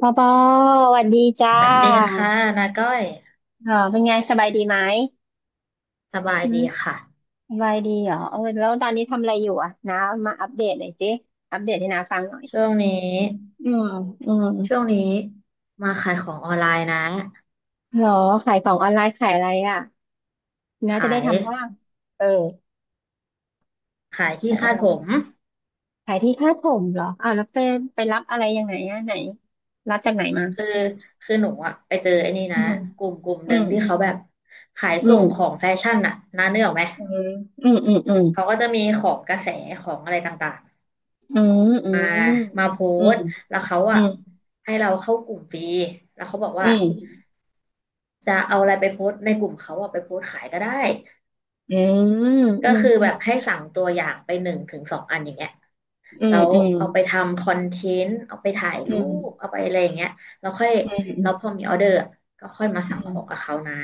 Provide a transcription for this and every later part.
ปอปอสวัสดีจ้าสวัสดีค่ะนาก้อยอ๋อเป็นไงสบายดีไหมสบายอืดีมค่ะสบายดีเหรอเออแล้วตอนนี้ทำอะไรอยู่อ่ะนะมาอัปเดตหน่อยสิอัปเดตให้น้าฟังหน่อยช่วงนี้อืมอืมช่วงนี้มาขายของออนไลน์นะเหรอขายของออนไลน์ขายอะไรอ่ะน้าจะขาได้ยทำบ้างเออขายที่ขายอะคาดไรผมขายที่คาดผมเหรออ่าวแล้วไปรับอะไรยังไงอ่ะไหน รับจากไหนมาคือคือหนูอะไปเจอไอ้นี่อืนะมกลุ่มหอืนึ่งมที่เขาแบบขายอืส่งของมแฟชั่นน่ะนาเนื้อออกไหมอืมอืมอืมเขาก็จะมีของกระแสของอะไรต่างอืมอืๆมามอืมมาโพอืมสต์แล้วเขาอือะมให้เราเข้ากลุ่มฟรีแล้วเขาบอกอืว่ามจะเอาอะไรไปโพสต์ในกลุ่มเขาอะไปโพสต์ขายก็ได้ อืมอืมก็อืมคืออืแบม บให้สั่งตัวอย่างไปหนึ่งถึงสองอันอย่างเงี้ยอืแล้มวอืมเอาไปทำคอนเทนต์เอาไปถ่ายอืรูปมเอาไปอะไรอย่างเงี้ยแล้วค่อยอืมอืแล้มวพอมีออเดอร์อะก็ค่อยมาอืสั่งขมองกับเขานะ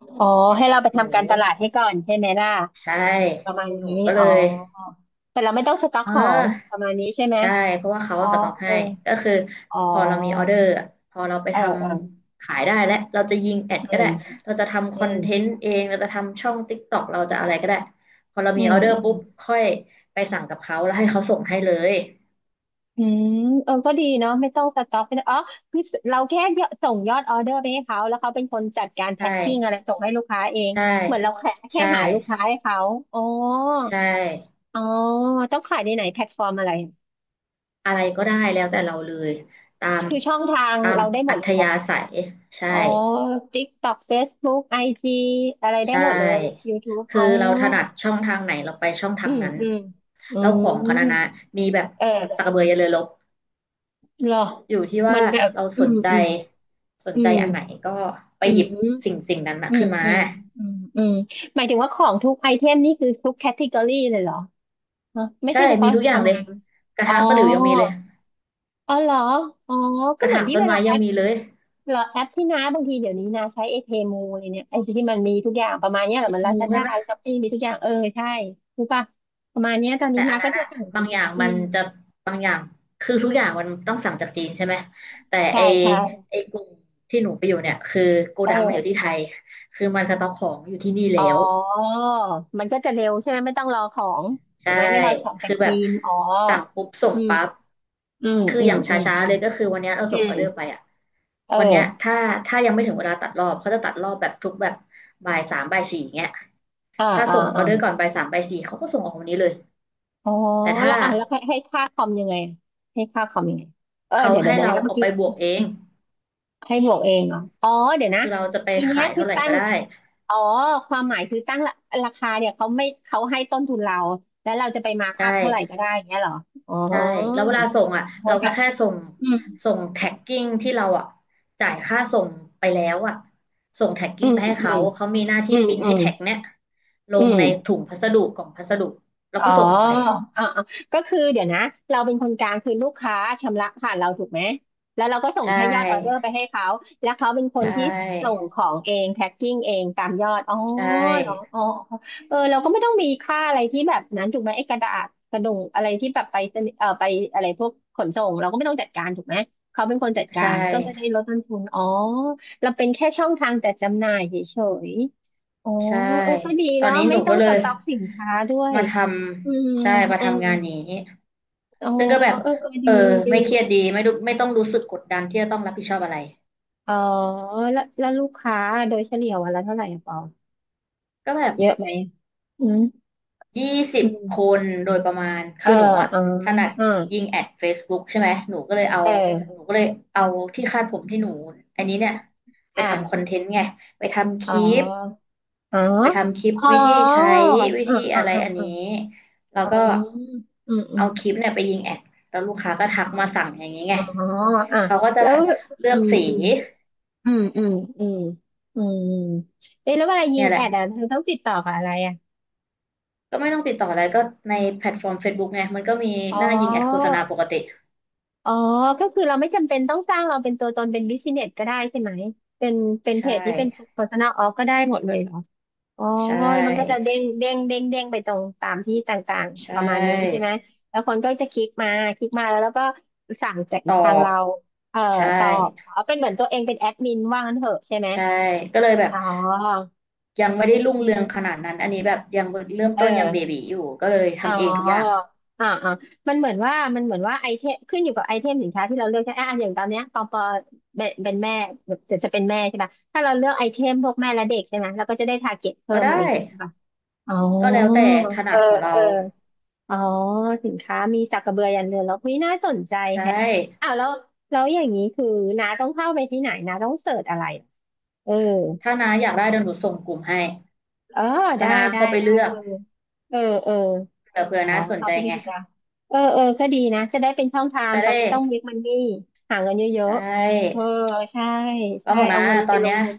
อ๋อให้เราไปหนูทำการตลาดให้ก่อนใช่ไหมล่ะใช่ประมาณหนูนี้ก็เลอ๋อยแต่เราไม่ต้องสต็อกอ่า ของประมาณนี้ใช่ไหมใช่เพราะว่าเขาอ๋อสต็อกเอให้อก็คืออ๋อพอเรามีออเดอร์อะพอเราไปเออทเออำขายได้และเราจะยิงแอดอืก็ได้ม เราจะทำคอือนมเทนต์เองเราจะทำช่อง TikTok เราจะอะไรก็ได้พอเราอืมีอมอเดออืร์มปุ๊บค่อยไปสั่งกับเขาแล้วให้เขาส่งให้เลยอืมเออก็ดีเนาะไม่ต้องสต็อกไม่ต้องอ๋อคือเราแค่ยอดส่งยอดออเดอร์ไปให้เขาแล้วเขาเป็นคนจัดการแพ็ใช่คกิ้งอะไรส่งให้ลูกค้าเองใช่เหมือนเราแค่ใช่หาลูกค้าให้เขาอ๋อใช่อ๋อต้องขายในไหนแพลตฟอร์มอะไร อะไรก็ได้แล้วแต่เราเลยตามคือช่องทางตามเราได้หมอัดเลธยเหรอ ยาศัยใช่ อ๋อ TikTok Facebook IG อจีอะไรได้ใชหมดเลย ่ YouTube คือ๋ออเราถนัดช่องทางไหนเราไปช่องทาอืงมนั้นอืมอืแล้วมของเขานะมีแบบเออสักกระเหเบือยันเรือรบรออยู่ที่เหมืว่าอนแบบเราอืสนมใจอืมสนอืใจมอันไหนก็ไปอืหยิบสิ่มงสิ่งนั้นนะอืมขึ้นมาอืมอืมอืมหมายถึงว่าของทุกไอเทมนี่คือทุกแคตตากรีเลยเหรอฮะไม่ใช่ใช่เฉมีพาะทุกอย่างเลทำยงานกระอ๋อ ทะตะหลิวยังมีเลยอ๋อเหรอ อ๋อ กก็ระเหมือถานงที่ต้เวนไม้ลาแอยังป มีเลยเหรอแอปที่น้าบางทีเดี๋ยวนี้นาใช้เอพีเพมูเลยเนี่ยไอที่มันมีทุกอย่างประมาณเนี้ยเหรอมันลางูซาใช่ด้ไหมช้อปปี้มีทุกอย่างเออใช่รู้ป่ะประมาณเนี้ยตอนนี้นาก็จะสั่งไปบางดิอย่างอืมันมจะบางอย่างคือทุกอย่างมันต้องสั่งจากจีนใช่ไหมแต่ใช่ไอใช่ไอกลุ่มที่หนูไปอยู่เนี่ยคือโกเอดังมันอยู่อที่ไทยคือมันสต็อกของอยู่ที่นี่อ๋แล้อว มันก็จะเร็วใช่ไหมไม่ต้องรอของถูใช่ กไหมไม่รอของจากคือแบจีบนอ๋อสั่งปุ๊บส่งอืมปั๊บอืมคืออือมย่างชอืม้าอืๆมเลยก็คือวันเนี้ยเราอืส่งออเดอร์ไปมอ่ะเอวันเนี้ยอถ้ายังไม่ถึงเวลาตัดรอบเขาจะตัดรอบแบบทุกแบบบ่ายสามบ่ายสี่อย่างเงี้ยอ่าถ้าอ่าส่งอออ่าเดอร์ก่อนบ่ายสามบ่ายสี่เขาก็ส่งออกวันนี้เลย อ๋อแต่แล้ถ้าวอ่าแล้วให้ค่าคอมยังไงให้ค่าคอมยังไงเออเขาเดี๋ยวเดี๋ยให้วนะเราเมื่อเอากี้ ไปบวกเองให้บวกเองเหรอ อ๋อเดี๋ยวนะคือเราจะไปอันเนี้ยขายคือเท่าไหร่ตั้ก็ง ได้อ๋อความหมายคือตั้งราคาเนี่ยเขาไม่เขาให้ต้นทุนเรา แล้วเราจะไปมาร์กใชอัพเท่าไหร่ก็่ ได้อย่างเงี้ยเหรอ อ๋อใช่แล้วเวลาส่งอ่ะโอเราเคก็ค่ะแค่ส่งอืมส่งแท็กกิ้งที่เราอ่ะจ่ายค่าส่งไปแล้วอ่ะส่งแท็กอืกิ้งมไปให้อืเขามเขามีหน้าอืที่มปริ้นอืไอ้มแท็กเนี้ยลอืงในถุม งพัสดุกล่องพัสดุแล้วอ๋อก็ส่งออกไปอ่าๆก็คือเดี๋ยวนะเราเป็นคนกลางคือลูกค้าชำระผ่านเราถูกไหมแล้วเราก็ส่ใชงแค่ยอดออเดอ่ร์ไปให้เขาแล้วเขาเป็นคใชนที่ส่่งของเองแพ็คกิ้งเองตามยอดอ๋อใชเหรอ่อ๋ออ๋อเออเราก็ไม่ต้องมีค่าอะไรที่แบบนั้นถูกไหมไอ้กระดาษกระดงอะไรที่แบบไปสนิเออไปอะไรพวกขนส่งเราก็ไม่ต้องจัดการถูกไหมเขาเป็นคนจัดกาใช่รก็จะได้ลดต้นทุนอ๋อเราเป็นแค่ช่องทางจัดจำหน่ายเฉยๆอ๋อใช่เออก็ดีตอนเนาะนี้หไม่นูต้อก็งเลสยต็อกสินค้าด้วย มาทอืมำใช่มาอืมทำงานนี้อ๋อซึ่งก็แบบเออเออดีเออดี ไม่เครียดดีไม่รู้ไม่ต้องรู้สึกกดดันที่จะต้องรับผิดชอบอะไรอ๋อ แล้วลูกค้าโดยเฉลี่ยวันละเท่าไหร่อะปอก็แบบ เยอะไหมอืมยี่สิอืบคมนโดยประมาณเออคือหนูอะอ๋อถนัดอ่ายิงแอด Facebook ใช่ไหมหนูก็เลยเอาเหนูออก็เลยเอาที่คาดผมที่หนูอันนี้เนี่ยไปทำคอนอ่ะ เทนต์ไงไปทำคอ๋อลิปอ๋อไปทำคลิปอ๋อวิธีใช้วิอืมธีอะไรอันอืนี้มแล้วก็อืมอืมเอาคลิปเนี่ยไปยิงแอดแล้วลูกค้าก็ทักอ๋อมาสั่งอย่างนี้อืไงมอืมอ๋ออ๋ออ่ะเขาก็จะแล้แบว บเลืออืกม สีอืมอืมอืมอืมอืมเอ๊ะแล้วเวลายิเนี่งยแหแอละดอ่ะเธอต้องติดต่อกับอะไรอ่ะก็ไม่ต้องติดต่ออะไรก็ในแพลตฟอร์ม Facebook ไงมันก็มีอ๋หอ น้ายิงแอดโฆษณาปกติอ๋อก็คือเราไม่จำเป็นต้องสร้างเราเป็นตัวตนเป็นบิสเนสก็ได้ใช่ไหม เป็นใชเพจที่เป็น ่ personal off ก็ได้หมดเลยเหรออ๋อใช่ มันก็จะเด้งเด้งเด้งเด้งไปตรงตามที่ต่างใชๆประมาณนี้ใช่ไห่ม แล้วคนก็จะคลิกมาแล้วก็สั่งจากตอทางบเราเอ่อใช่ตอบเอาเป็นเหมือนตัวเองเป็นแอดมินว่างั้นเถอะใช่ไหมใช่ก็เลยแบบอ๋อยังไม่ได้รุ่งอืเรืองขมนาดนั้นอันนี้แบบยังเริ่มเอต้นยังเบอ บีอยู่ก็เลยอ๋ทำเองทุกอย่างออ่าอ่ามันเหมือนว่ามันเหมือนว่าไอเทมขึ้นอยู่กับไอเทมสินค้าที่เราเลือกใช่ไหมอ่ะอย่างตอนเนี้ยปอปอเป็นแม่เดี๋ยวจะเป็นแม่ใช่ป่ะถ้าเราเลือกไอเทมพวกแม่และเด็กใช่ไหมเราก็จะได้ทาร์เก็ตเพิ่ก็มอะได้ไรอย่างงี้ใช่ป่ะอ๋อก็แล้วแต่ถเอนัอดของเราเอออ๋อสินค้ามีสักกระเบือยันเรือแล้วคี่น่าสนใจใช่แฮะอ้าวแล้วอย่างนี้คือน้าต้องเข้าไปที่ไหนน้าต้องเสิร์ชอะไรเออถ้าน้าอยากได้เดี๋ยวหนูส่งกลุ่มให้เออาได้น้าได้เข้าไปได้ เลือกเออเออเออ เผื่ออ๋อน้าสนเข้าใจไปดีไงกว่าเออเออก็ดีนะจะได้เป็นช่องทางจะตอได้นนี้ต้องวกมันนี่หาเงินเยใชอะๆเออ่ใช่แล้วใช่ของเอาน้าเงินตไปอนลเนี้งยทุน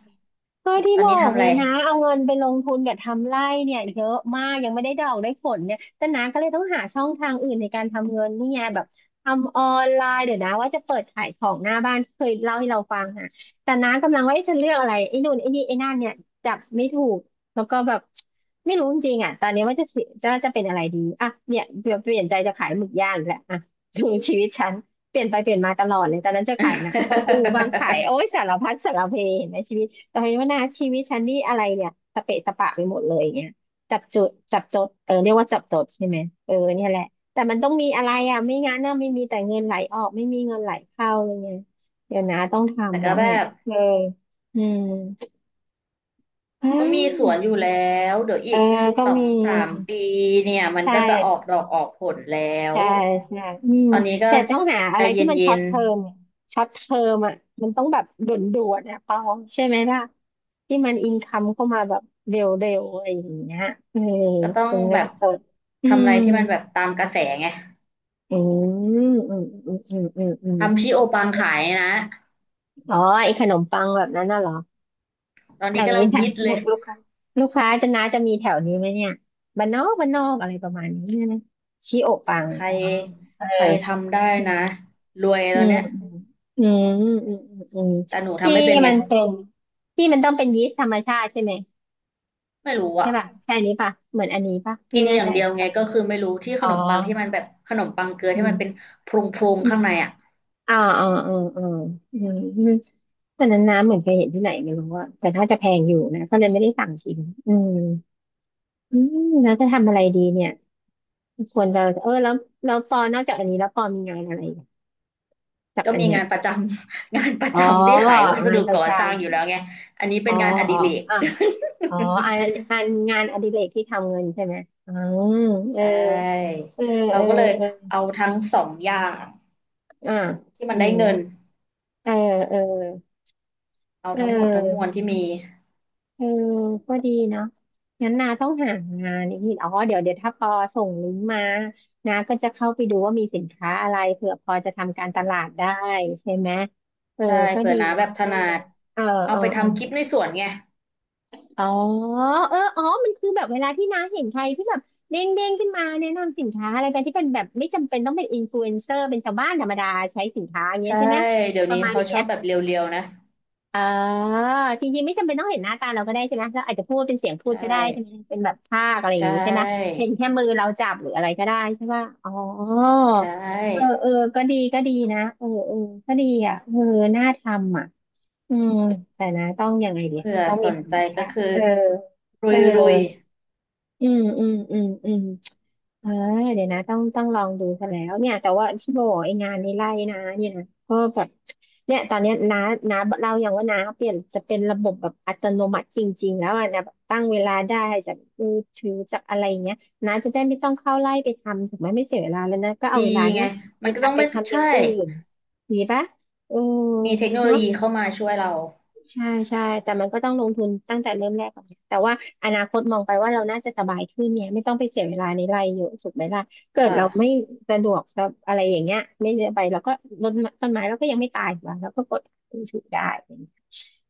ก็ที่ตอนบอนี้กทำอะไงไร นะเอาเงินไปลงทุนกับทำไร่เนี่ยเยอะมากยังไม่ได้ดอกได้ผลเนี่ยแต่น้าก็เลยต้องหาช่องทางอื่นในการทำเงินนี่ไงแบบทำออนไลน์เดี๋ยวนะว่าจะเปิดขายของหน้าบ้านเคยเล่าให้เราฟังนะแต่น้ากำลังว่าเอ๊ะจะเลือกอะไรไอ้นู่นไอ้นี่ไอ้นั่นเนี่ยจับไม่ถูก แล้วก็แบบไม่รู้จริงๆอ่ะตอนนี้ว่าจะเป็นอะไรดีอ่ะเนี่ยเปลี่ยนใจจะขายหมึกย่างอีกแล้วอ่ะดูชีวิตฉันเปลี่ยนไปเปลี่ยนมาตลอดเลยตอนนั้นจะขายน้ำเต้าหู้บ้างขายโอ้ยสารพัดสารเพเห็นไหมชีวิตตอนนี้ว่านะชีวิตฉันนี่อะไรเนี่ยสเปะสปะไปหมดเลยอย่างเงี้ยจับจุดจับจดเออเรียกว่าจับจดใช่ไหมเออเนี่ยแหละแต่มันต้องมีอะไรอ่ะไม่งั้นน่ะไม่มีแต่เงินไหลออกไม่มีเงินไหลเข้าอะไรเงี้ยเดี๋ยวนะต้อง แต่ทำแล้ก็วแบไงบ เอออืมอืก็มีสวนอยู่ม แล้วเดี๋ยวเออีอ กก็สอมีงสามปีเนี่ยมันใชก็จะออก่ดอกออกผลแล้วใช่ใช่อืมตอนนี้ก็แต่ต้องหาใจอะไรเที่มันช็ย็อตนเทอมช็อตเทอมอ่ะมันต้องแบบด่วนๆนะปองใช่ไหมล่ะที่มันอินคัมเข้ามาแบบเร็วๆอะไรอย่างเงี้ยเออๆก็ต้องเป็นเงิแบนบสดอืทำอะมไรที่มันแบบตามกระแสไงอืมอืมอืมอืมอืมอืมทำชิโอปังขายนะอ๋อไอ้ขนมปังแบบนั้นน่ะเหรอตอนแถนี้วกำนี้ลังแถวฮิตเลลูยกลูกค้าลูกค้าจะน้าจะมีแถวนี้ไหมเนี่ยบ้านนอกอะไรประมาณนี้นะชีโอะปังใครอ๋อเออ ใครทำได้นะรวยอืตอนมเนี้ยอืมอืมอืมอืมอืมแต่หนูที่ทำไม่เป็นมัไงนเป็นที่มันต้องเป็นยีสต์ธรรมชาติใช่ไหมไม่รู้ใช่อ่ะป่ะใช่อันนี้ป่ะเหมือนอันนี้ป่ะไม่กินแน่อย่าใจงเดียวใช่ไงป่ะก็คือไม่รู้ที่ขอ๋อนมปังที่มันแบบขนมปังเกลืออืที่มันเป็นมโพรงอืๆมข้างในอ่ะ อ่าอ่าอ่าอ่าอืมอืมตอนนั้นน้ำเหมือนเคยเห็นที่ไหนไม่รู้อะแต่ถ้าจะแพงอยู่นะก็เลยไม่ได้สั่งกินอืมอืมแล้วจะทำอะไรดีเนี่ยควรจะเออแล้วแล้วปอนอกจากอันนี้แล้วปอมีงานอะไรจากก็อันมีเนี้ยงานประจำ งานประอ๋อจำที่ขายวัสงาดุนประก่อจสร้างอยู่แล้วไงอันนี้ำอ๋เป็อนงานออ๋ดิอเรก อ่ะ อ๋ออันงานอดิเรกที่ทำเงินใช่ไหมอืม เออใช่เออเอเราอก็เลยเออเอาทั้งสองอย่างอ่าที่อืมันได้มเงินเออเออเอาเทั้งหมดทั้งมวอลอที่มีเออก็ดีเนาะงั้นนาต้องหางานอีกทีอ๋อเดี๋ยวเดี๋ยวถ้าปอส่งลิงก์มานาก็จะเข้าไปดูว่ามีสินค้าอะไรเผื่อพอจะทำการตลาดได้ใช่ไหมเออใช่ก็เผื่อดีน้าแบเนาะบถได้นัเลดยเออเอาเออไปเออ ทำคลิปในสวนไงอ๋อเอออ๋อมันคือแบบเวลาที่น้าเห็นใครที่แบบเด้งขึ้นมาแนะนำสินค้าอะไรกันที่เป็นแบบไม่จำเป็นต้องเป็นอินฟลูเอนเซอร์เป็นชาวบ้านธรรมดาใช้สินค้าอย่างเงี้ยใช่ใช่ไหมเดี๋ยปวระนี้มาณอเขาย่างชเงี้อยบแบบเรียวๆนะเออจริงๆไม่จำเป็นต้องเห็นหน้าตาเราก็ได้ใช่ไหมเราอาจจะพูดเป็นเสียงพูใชดก็ได้ใช่ไหม่เป็นแบบภาคอะไรอใชย่างงี้ใช่ไหม่เห็นแค่มือเราจับหรืออะไรก็ได้ใช่ป่ะอ๋อใชเออ่เออก็ดีก็ดีนะเออเออก็ดีอ่ะเออน่าทำอ่ะ อืมแต่นะต้องยังไงดีเผื่อต้องสมีนความใจอ่ะก็คือเออเอรุอยรุยอืมอืมอืมอืมเออเดี๋ยวนะต้องลองดูซะแล้วเนี่ยแต่ว่าที่โบอกไองานในไร่นะเนี่ยนะก็แบบเนี่ยตอนเนี้ยน้าเราอย่างว่าน้าเปลี่ยนจะเป็นระบบแบบอัตโนมัติจริงๆแล้วอ่ะนะแบบตั้งเวลาได้จากมือถือจากอะไรอย่างเงี้ยน้าจะได้ไม่ต้องเข้าไร่ไปทำถูกไหมไม่เสียเวลาแล้วนะก็เอาดีเวลาเนี้ไงยไปมันก็ต้องทำไปไม่ทำอย่าใช่งอื่นดีปะเออมีเทคโนโลเนาะ ยีเข้ามาช่วยเราใช่ใช่แต่มันก็ต้องลงทุนตั้งแต่เริ่มแรกก่อนนะแต่ว่าอนาคตมองไปว่าเราน่าจะสบายขึ้นเนี่ยไม่ต้องไปเสียเวลาในไร่เยอะถูกไหมล่ะเกิคดเราไม่่ะ สะดวกสบอะไรอย่างเงี้ยไม่ได้ไปเราก็รดต้นไม้เราก็ยังไม่ตายหรอกเราก็กดถูกได้อะไรอย่างเงี้ย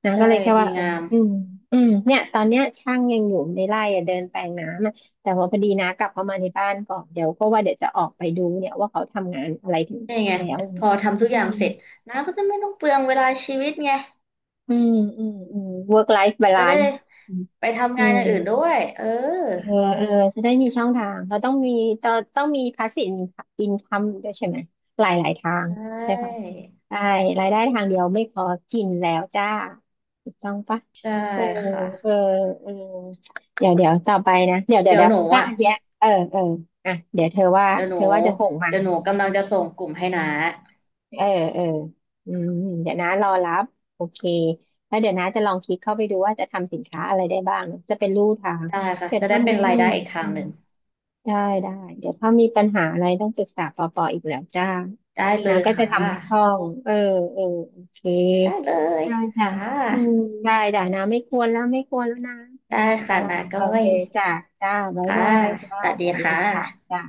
นะใช่ก็เลยแค่ดีว่างามอืมอืมเนี่ยตอนเนี้ยช่างยังอยู่ในไร่อะเดินแปลงน้ำอะแต่ว่าพอดีนะกลับเข้ามาในบ้านก่อนเดี๋ยวก็ว่าเดี๋ยวจะออกไปดูเนี่ยว่าเขาทำงานอะไรถึงนี่ไงแล้วพอทำทุกออืย่างม เสร็จน้าก็จะไม่ต้องเปลืองเวลาชีวิตไงอืมอืมอืม work life จะได้ balance อืมไปทำอืงานอมย่างอื่นด้วยเออเออเออจะได้มีช่องทางเราต้องมี passive income ด้วยใช่ไหมหลายทางใช่ใช่ปะใช่รายได้ทางเดียวไม่พอกินแล้วจ้าถูกต้องปะใช่เออค่ะเออเออเดี๋ยวต่อไปนะเดี๋ยวเดี๋ยวเดี๋ยวเดี๋ยหวนูถ้าอ่ะอันเนี้ยเออเอออ่ะเดี๋ยวเธอว่าเดี๋ยวหเธนูอว่าจะส่งมา เดี๋ยวหนูกำลังจะส่งกลุ่มให้น้าเออเอออืมเดี๋ยวนะรอรับโอเคแล้วเดี๋ยวนะจะลองคิดเข้าไปดูว่าจะทำสินค้าอะไรได้บ้างจะเป็นลู่ทางได้ค่ะเดี๋ยวจะถ้าได้เป็นอืรายมได้อีกทาอืงมหนึ่งได้ได้เดี๋ยวถ้ามีปัญหาอะไรต้องปรึกษาปอปออีกแล้วจ้าได้เลนะยก็จะค่ะทำให้คล่องเออเออโอเคได้เลยได้จ้ะค่ะอืมได้จ้ะนะไม่ควรแล้วนะได้จ้าค่ะน้าโอก้อเคยจ้ะจ้าบ๊ายค่ะบายจ้าสวัสสดีวัสดีค่ะค่ะจ้า